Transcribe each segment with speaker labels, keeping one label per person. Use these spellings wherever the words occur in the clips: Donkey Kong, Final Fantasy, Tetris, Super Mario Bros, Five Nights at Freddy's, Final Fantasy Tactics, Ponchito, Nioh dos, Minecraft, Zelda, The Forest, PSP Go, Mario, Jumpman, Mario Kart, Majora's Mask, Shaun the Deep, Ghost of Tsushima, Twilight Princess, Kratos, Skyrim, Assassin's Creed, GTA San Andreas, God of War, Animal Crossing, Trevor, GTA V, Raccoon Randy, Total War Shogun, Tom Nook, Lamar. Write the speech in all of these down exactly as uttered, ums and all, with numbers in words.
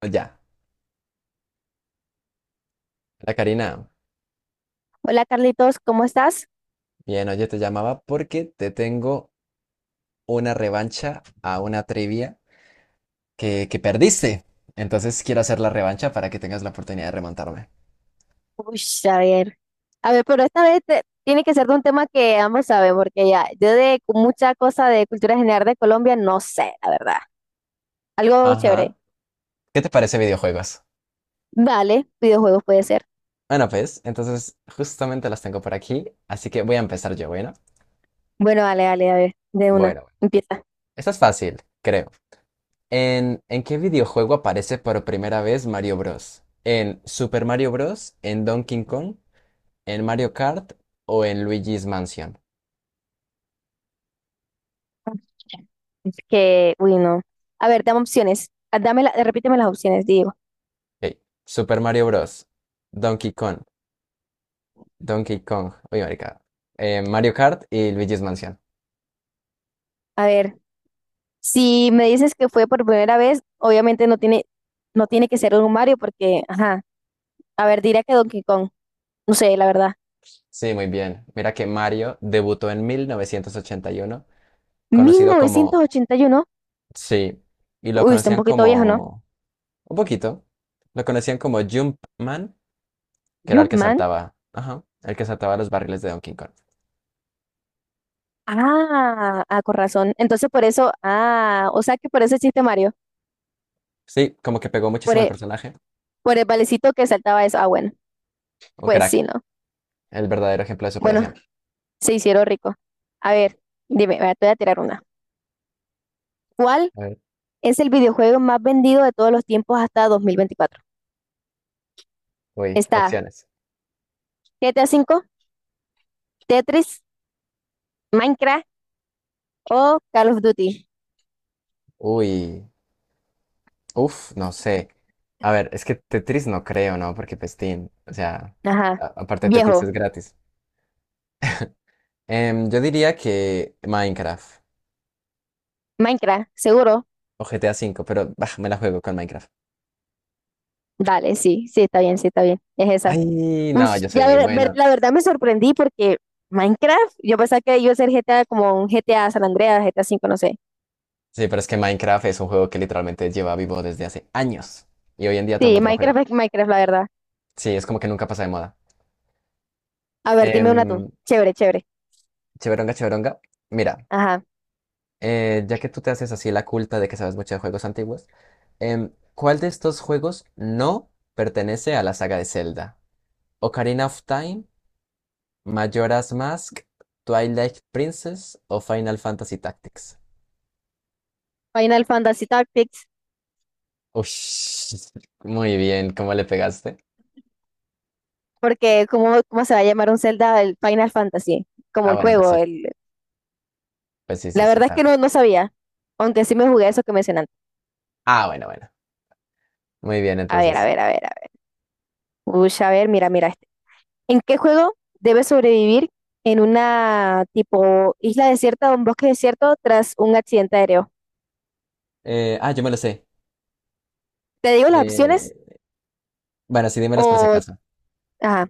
Speaker 1: Pues ya, la Karina,
Speaker 2: Hola Carlitos, ¿cómo estás?
Speaker 1: bien, oye, te llamaba porque te tengo una revancha a una trivia que, que perdiste. Entonces quiero hacer la revancha para que tengas la oportunidad de remontarme.
Speaker 2: Uy, a ver, a ver, pero esta vez te- tiene que ser de un tema que ambos saben, porque ya, yo de mucha cosa de cultura general de Colombia no sé, la verdad. Algo chévere.
Speaker 1: Ajá. ¿Qué te parece videojuegos?
Speaker 2: Vale, videojuegos puede ser.
Speaker 1: Bueno, pues, entonces justamente las tengo por aquí, así que voy a empezar yo, ¿bueno?
Speaker 2: Bueno, vale, vale, a ver, de una,
Speaker 1: Bueno, bueno.
Speaker 2: empieza.
Speaker 1: Esta es fácil, creo. ¿En, en qué videojuego aparece por primera vez Mario Bros? ¿En Super Mario Bros? ¿En Donkey Kong? ¿En Mario Kart? ¿O en Luigi's Mansion?
Speaker 2: Es que, uy, no. A ver, dame opciones. Ah, dame la- repíteme las opciones, digo.
Speaker 1: Ok. Super Mario Bros. Donkey Kong. Donkey Kong. Uy, marica. Eh, Mario Kart y Luigi's Mansion.
Speaker 2: A ver, si me dices que fue por primera vez, obviamente no tiene, no tiene que ser un Mario, porque, ajá. A ver, diría que Donkey Kong. No sé, la verdad.
Speaker 1: Sí, muy bien. Mira que Mario debutó en mil novecientos ochenta y uno,
Speaker 2: mil
Speaker 1: conocido
Speaker 2: novecientos
Speaker 1: como...
Speaker 2: ochenta y uno
Speaker 1: Sí. Y lo
Speaker 2: Uy, está un
Speaker 1: conocían
Speaker 2: poquito viejo, ¿no?
Speaker 1: como... Un poquito. Lo conocían como Jumpman, que era el que
Speaker 2: Jumpman.
Speaker 1: saltaba. Ajá. El que saltaba los barriles de Donkey Kong.
Speaker 2: Ah, ah, con razón. Entonces por eso, ah, o sea que por ese chiste Mario,
Speaker 1: Sí, como que pegó
Speaker 2: por
Speaker 1: muchísimo el
Speaker 2: el,
Speaker 1: personaje.
Speaker 2: por el valecito que saltaba eso. Ah, bueno,
Speaker 1: Un
Speaker 2: pues
Speaker 1: crack.
Speaker 2: sí, ¿no?
Speaker 1: El verdadero ejemplo de
Speaker 2: Bueno,
Speaker 1: superación.
Speaker 2: se hicieron rico. A ver, dime, vea, te voy a tirar una. ¿Cuál
Speaker 1: A ver.
Speaker 2: es el videojuego más vendido de todos los tiempos hasta dos mil veinticuatro?
Speaker 1: Uy,
Speaker 2: Está
Speaker 1: opciones.
Speaker 2: G T A cinco, Tetris, Minecraft o Call of Duty.
Speaker 1: Uy. Uf, no sé. A ver, es que Tetris no creo, ¿no? Porque Pestín, o sea,
Speaker 2: Ajá,
Speaker 1: a- aparte Tetris
Speaker 2: viejo,
Speaker 1: es gratis. Em, yo diría que Minecraft
Speaker 2: Minecraft, seguro.
Speaker 1: o G T A V, pero bah, me la juego con Minecraft.
Speaker 2: Dale, sí, sí, está bien, sí, está bien. Es esa.
Speaker 1: Ay, no,
Speaker 2: Pues,
Speaker 1: yo soy
Speaker 2: ya
Speaker 1: muy
Speaker 2: ver- ver-
Speaker 1: bueno.
Speaker 2: la verdad me sorprendí porque Minecraft, yo pensaba que iba a ser G T A como un G T A San Andreas, G T A cinco no sé.
Speaker 1: Sí, pero es que Minecraft es un juego que literalmente lleva vivo desde hace años y hoy en día todo el
Speaker 2: Sí,
Speaker 1: mundo lo
Speaker 2: Minecraft
Speaker 1: juega.
Speaker 2: es Minecraft, la verdad.
Speaker 1: Sí, es como que nunca pasa de moda.
Speaker 2: A ver, dime una tú.
Speaker 1: Em,
Speaker 2: Chévere, chévere.
Speaker 1: Cheveronga, Cheveronga. Mira.
Speaker 2: Ajá.
Speaker 1: Eh, ya que tú te haces así la culta de que sabes mucho de juegos antiguos, em, ¿cuál de estos juegos no pertenece a la saga de Zelda? ¿Ocarina of Time, Majora's Mask, Twilight Princess o Final Fantasy Tactics?
Speaker 2: Final Fantasy Tactics,
Speaker 1: Ush, muy bien, ¿cómo le pegaste?
Speaker 2: porque ¿cómo, cómo se va a llamar un Zelda el Final Fantasy? Como
Speaker 1: Ah,
Speaker 2: el
Speaker 1: bueno, pues
Speaker 2: juego.
Speaker 1: sí,
Speaker 2: El...
Speaker 1: pues sí, sí,
Speaker 2: La
Speaker 1: sí,
Speaker 2: verdad es
Speaker 1: está
Speaker 2: que
Speaker 1: bien.
Speaker 2: no, no sabía, aunque sí me jugué eso que mencionaste.
Speaker 1: Ah, bueno, bueno, muy bien,
Speaker 2: A ver, a
Speaker 1: entonces.
Speaker 2: ver, a ver, a ver. Uy, a ver, mira, mira este. ¿En qué juego debes sobrevivir en una tipo isla desierta o un bosque desierto tras un accidente aéreo?
Speaker 1: Eh, ah, yo me lo sé.
Speaker 2: ¿Te digo las opciones?
Speaker 1: Eh, bueno, sí, dímelos por si
Speaker 2: O,
Speaker 1: acaso.
Speaker 2: ajá,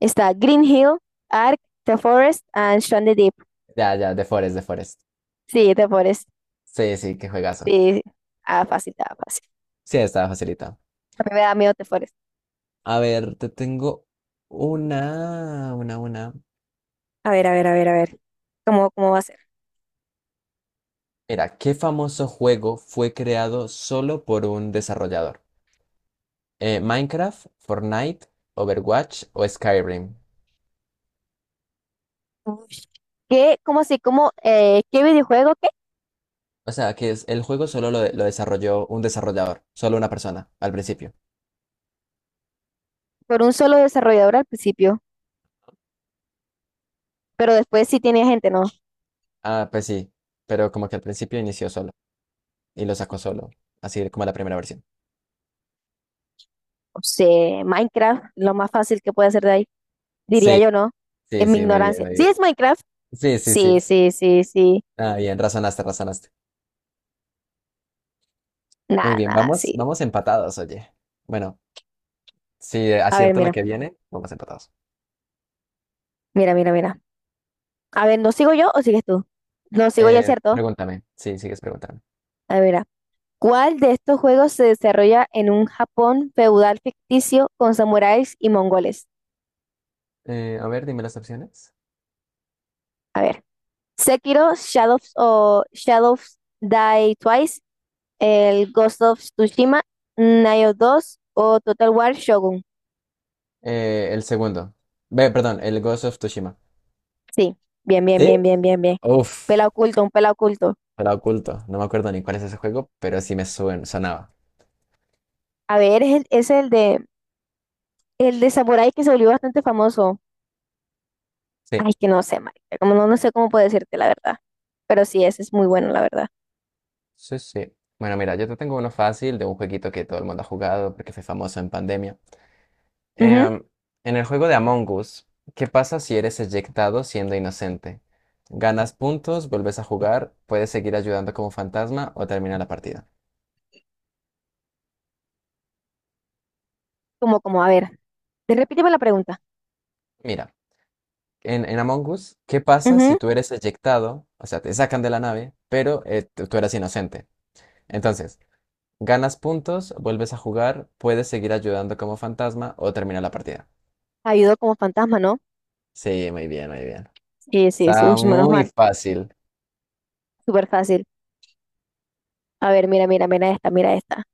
Speaker 2: está Green Hill, Ark, The Forest, and Shaun the Deep.
Speaker 1: Ya, ya, de Forest, de Forest.
Speaker 2: Sí, The Forest.
Speaker 1: Sí, sí, qué juegazo.
Speaker 2: Sí, ah, fácil, ah, fácil.
Speaker 1: Sí, estaba facilitado.
Speaker 2: A mí me da miedo The Forest.
Speaker 1: A ver, te tengo una, una, una.
Speaker 2: A ver, a ver, a ver, a ver. ¿Cómo, cómo va a ser?
Speaker 1: Mira, ¿qué famoso juego fue creado solo por un desarrollador? Eh, ¿Minecraft, Fortnite, Overwatch o Skyrim?
Speaker 2: Ush. ¿Qué, cómo así, cómo, eh, qué videojuego, qué?
Speaker 1: O sea, que es, el juego solo lo, de- lo desarrolló un desarrollador, solo una persona, al principio.
Speaker 2: Por un solo desarrollador al principio, pero después sí tiene gente, ¿no?
Speaker 1: Ah, pues sí, pero como que al principio inició solo y lo sacó solo, así como la primera versión.
Speaker 2: O sea, Minecraft, lo más fácil que puede hacer de ahí,
Speaker 1: Sí,
Speaker 2: diría yo, ¿no?
Speaker 1: sí,
Speaker 2: En mi
Speaker 1: sí, muy bien,
Speaker 2: ignorancia.
Speaker 1: muy
Speaker 2: ¿Sí
Speaker 1: bien.
Speaker 2: es Minecraft?
Speaker 1: Sí, sí,
Speaker 2: Sí,
Speaker 1: sí.
Speaker 2: sí, sí, sí.
Speaker 1: Ah, bien, razonaste, razonaste. Muy
Speaker 2: Nada,
Speaker 1: bien,
Speaker 2: nada,
Speaker 1: vamos,
Speaker 2: sí.
Speaker 1: vamos empatados, oye. Bueno. Si
Speaker 2: A ver,
Speaker 1: acierto la
Speaker 2: mira,
Speaker 1: que viene, vamos empatados.
Speaker 2: mira, mira, mira. A ver, ¿no sigo yo o sigues tú? No sigo yo,
Speaker 1: Eh,
Speaker 2: ¿cierto?
Speaker 1: pregúntame. Sí, sigues preguntando.
Speaker 2: A ver, ah, ¿cuál de estos juegos se desarrolla en un Japón feudal ficticio con samuráis y mongoles?
Speaker 1: Eh, a ver, dime las opciones.
Speaker 2: A ver, Sekiro, Shadows o Shadows Die Twice, el Ghost of Tsushima, Nioh dos o Total War Shogun.
Speaker 1: Eh, el segundo. Ve, perdón, el Ghost of Tsushima.
Speaker 2: Sí, bien, bien,
Speaker 1: ¿Sí?
Speaker 2: bien, bien, bien, bien.
Speaker 1: Uf,
Speaker 2: Pela oculto, un pela oculto.
Speaker 1: la oculto. No me acuerdo ni cuál es ese juego, pero sí me suen- sonaba.
Speaker 2: A ver, es el, es el de el de samurái que se volvió bastante famoso.
Speaker 1: Sí,
Speaker 2: Ay, que no sé, marica, como no, no sé cómo puedo decirte la verdad, pero sí, ese es muy bueno, la verdad.
Speaker 1: sí, sí. Bueno, mira, yo te tengo uno fácil de un jueguito que todo el mundo ha jugado porque fue famoso en pandemia.
Speaker 2: Ujú.
Speaker 1: Em, en el juego de Among Us, ¿qué pasa si eres eyectado siendo inocente? ¿Ganas puntos, vuelves a jugar, puedes seguir ayudando como fantasma o termina la partida?
Speaker 2: Como, como, a ver, te repíteme la pregunta.
Speaker 1: Mira, en, en Among Us, ¿qué pasa si
Speaker 2: Ujú.
Speaker 1: tú eres eyectado? O sea, te sacan de la nave, pero eh, tú tú eras inocente. Entonces, ¿ganas puntos, vuelves a jugar, puedes seguir ayudando como fantasma o termina la partida?
Speaker 2: ¿Ayudó como fantasma, no?
Speaker 1: Sí, muy bien, muy bien.
Speaker 2: Sí, sí, sí, uy,
Speaker 1: Está
Speaker 2: menos
Speaker 1: muy
Speaker 2: mal,
Speaker 1: fácil.
Speaker 2: súper fácil. A ver, mira, mira, mira esta, mira esta.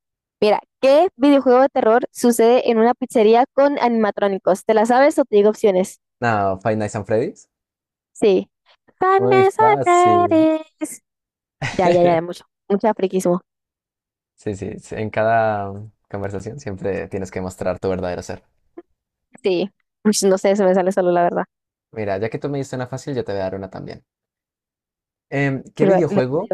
Speaker 2: Mira, ¿qué videojuego de terror sucede en una pizzería con animatrónicos? ¿Te la sabes o te digo opciones?
Speaker 1: No, Five Nights at Freddy's.
Speaker 2: Sí. Five
Speaker 1: Muy
Speaker 2: Nights at
Speaker 1: fácil.
Speaker 2: Freddy's. Ya, ya, ya, mucho, mucho friquismo.
Speaker 1: Sí, sí, sí, en cada conversación siempre tienes que mostrar tu verdadero ser.
Speaker 2: Sí, uy, no sé, se me sale solo la verdad.
Speaker 1: Mira, ya que tú me diste una fácil, yo te voy a dar una también. Em, ¿qué
Speaker 2: Pero, lo,
Speaker 1: videojuego,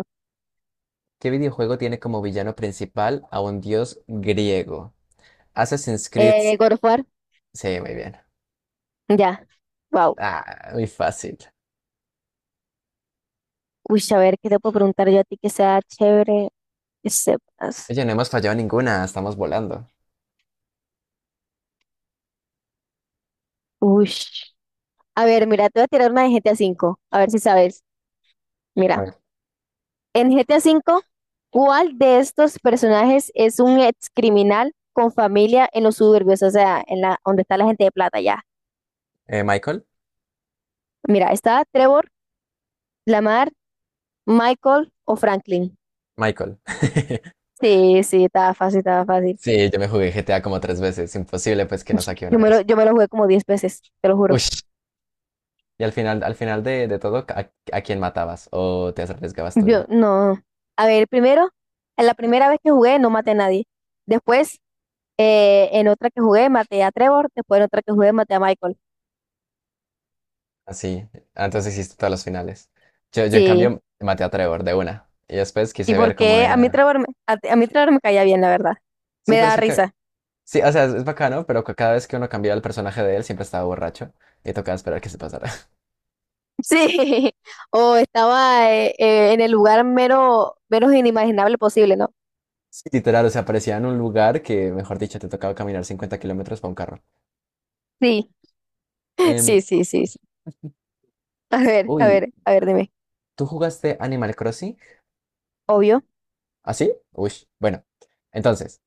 Speaker 1: ¿qué videojuego tiene como villano principal a un dios griego? Assassin's Creed.
Speaker 2: eh, God of War.
Speaker 1: Sí, muy bien.
Speaker 2: Ya, wow.
Speaker 1: Ah, muy fácil.
Speaker 2: Uy, a ver, ¿qué te puedo preguntar yo a ti que sea chévere, que sepas?
Speaker 1: Oye, no hemos fallado ninguna, estamos volando.
Speaker 2: Uy. A ver, mira, te voy a tirar una de G T A cinco, a cinco, a ver si sabes.
Speaker 1: A
Speaker 2: Mira,
Speaker 1: ver,
Speaker 2: en G T A cinco, ¿cuál de estos personajes es un ex criminal con familia en los suburbios? O sea, en la, donde está la gente de plata ya.
Speaker 1: eh, Michael,
Speaker 2: Mira, está Trevor, Lamar, Michael o Franklin.
Speaker 1: Michael.
Speaker 2: Sí, sí, estaba fácil, estaba fácil.
Speaker 1: Sí, yo me jugué G T A como tres veces, imposible pues que no saque una
Speaker 2: Yo
Speaker 1: de
Speaker 2: me lo,
Speaker 1: esas.
Speaker 2: yo me lo jugué como diez veces, te lo juro.
Speaker 1: Ush. Y al final, al final de, de todo, ¿a, a quién matabas o te arriesgabas tu
Speaker 2: Yo,
Speaker 1: vida?
Speaker 2: no. A ver, primero, en la primera vez que jugué no maté a nadie. Después, eh, en otra que jugué maté a Trevor. Después en otra que jugué maté a Michael.
Speaker 1: Así, antes hiciste todas las finales. Yo, yo en
Speaker 2: Sí.
Speaker 1: cambio maté a Trevor de una. Y después
Speaker 2: Y
Speaker 1: quise ver cómo
Speaker 2: porque a mí
Speaker 1: era.
Speaker 2: Trevor, me- a, a mí Trevor me caía bien, la verdad.
Speaker 1: Sí,
Speaker 2: Me
Speaker 1: pero es
Speaker 2: da
Speaker 1: que... ca-
Speaker 2: risa.
Speaker 1: Sí, o sea, es, es bacano, pero ca- cada vez que uno cambiaba el personaje de él siempre estaba borracho. Y tocaba esperar que se pasara.
Speaker 2: Sí. O estaba eh, eh, en el lugar menos, menos inimaginable posible, ¿no?
Speaker 1: Sí, literal, o sea, aparecía en un lugar que, mejor dicho, te tocaba caminar cincuenta kilómetros para un carro.
Speaker 2: Sí.
Speaker 1: Em,
Speaker 2: Sí, sí, sí, sí. A ver, a
Speaker 1: uy,
Speaker 2: ver, a ver, dime.
Speaker 1: ¿tú jugaste Animal Crossing?
Speaker 2: Obvio.
Speaker 1: ¿Así? Uy, bueno. Entonces,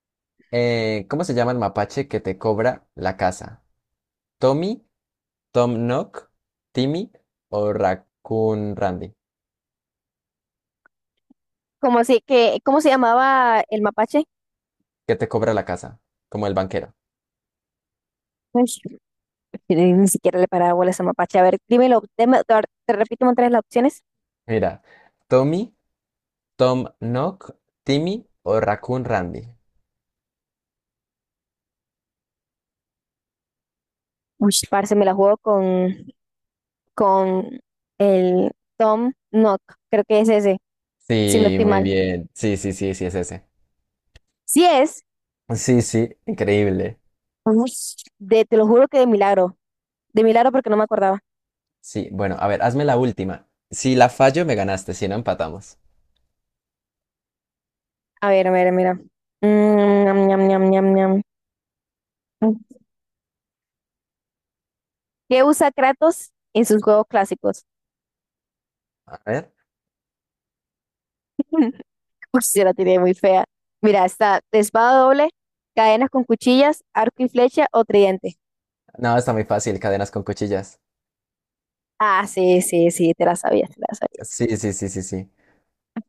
Speaker 1: eh, ¿cómo se llama el mapache que te cobra la casa? ¿Tommy? Tom Nook, Timmy o Raccoon Randy,
Speaker 2: ¿Cómo así que cómo se llamaba el mapache?
Speaker 1: que te cobra la casa, como el banquero.
Speaker 2: Ay, yo ni ni siquiera le paraba bola a esa mapache. A ver, dímelo, deme- te, te repito otra vez las opciones.
Speaker 1: Mira, Tommy, Tom Nook, Timmy o Raccoon Randy.
Speaker 2: Uy, parce, me la juego con, con, el Tom Nook. Creo que es ese, si no
Speaker 1: Sí,
Speaker 2: estoy
Speaker 1: muy
Speaker 2: mal.
Speaker 1: bien. Sí, sí, sí, sí, es ese.
Speaker 2: Si es,
Speaker 1: Sí, sí, increíble.
Speaker 2: uy, de, te lo juro que de milagro. De milagro porque no me acordaba.
Speaker 1: Sí, bueno, a ver, hazme la última. Si la fallo, me ganaste, si no empatamos.
Speaker 2: A ver, a ver, mira. Mm, ñam, ñam, ñam, ñam, ñam. ¿Qué usa Kratos en sus juegos clásicos?
Speaker 1: A ver.
Speaker 2: Uy, yo la tiré muy fea. Mira, está de espada doble, cadenas con cuchillas, arco y flecha o tridente.
Speaker 1: No, está muy fácil, cadenas con cuchillas.
Speaker 2: Ah, sí, sí, sí, te la sabías, te la sabías.
Speaker 1: Sí, sí, sí, sí, sí.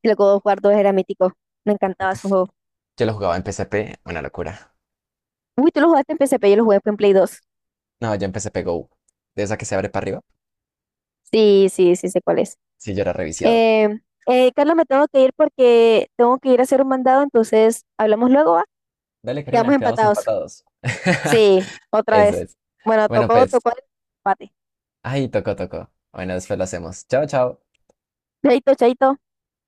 Speaker 2: El God of War dos era mítico. Me encantaba ese juego.
Speaker 1: Yo lo jugaba en P S P, una locura.
Speaker 2: Uy, tú lo jugaste en P S P, yo lo jugué en Play dos.
Speaker 1: No, yo en P S P Go. De esa que se abre para arriba.
Speaker 2: Sí, sí, sí, sé cuál es.
Speaker 1: Sí, yo era reviciado.
Speaker 2: Eh, eh, Carlos, me tengo que ir porque tengo que ir a hacer un mandado, entonces hablamos luego, ¿va?
Speaker 1: Dale, Karina,
Speaker 2: Quedamos
Speaker 1: quedamos
Speaker 2: empatados.
Speaker 1: empatados.
Speaker 2: Sí, otra
Speaker 1: Eso
Speaker 2: vez.
Speaker 1: es.
Speaker 2: Bueno,
Speaker 1: Bueno,
Speaker 2: tocó,
Speaker 1: pues
Speaker 2: tocó el empate.
Speaker 1: ahí tocó, tocó. Bueno, después lo hacemos. Chao, chao.
Speaker 2: Chaito, chaito.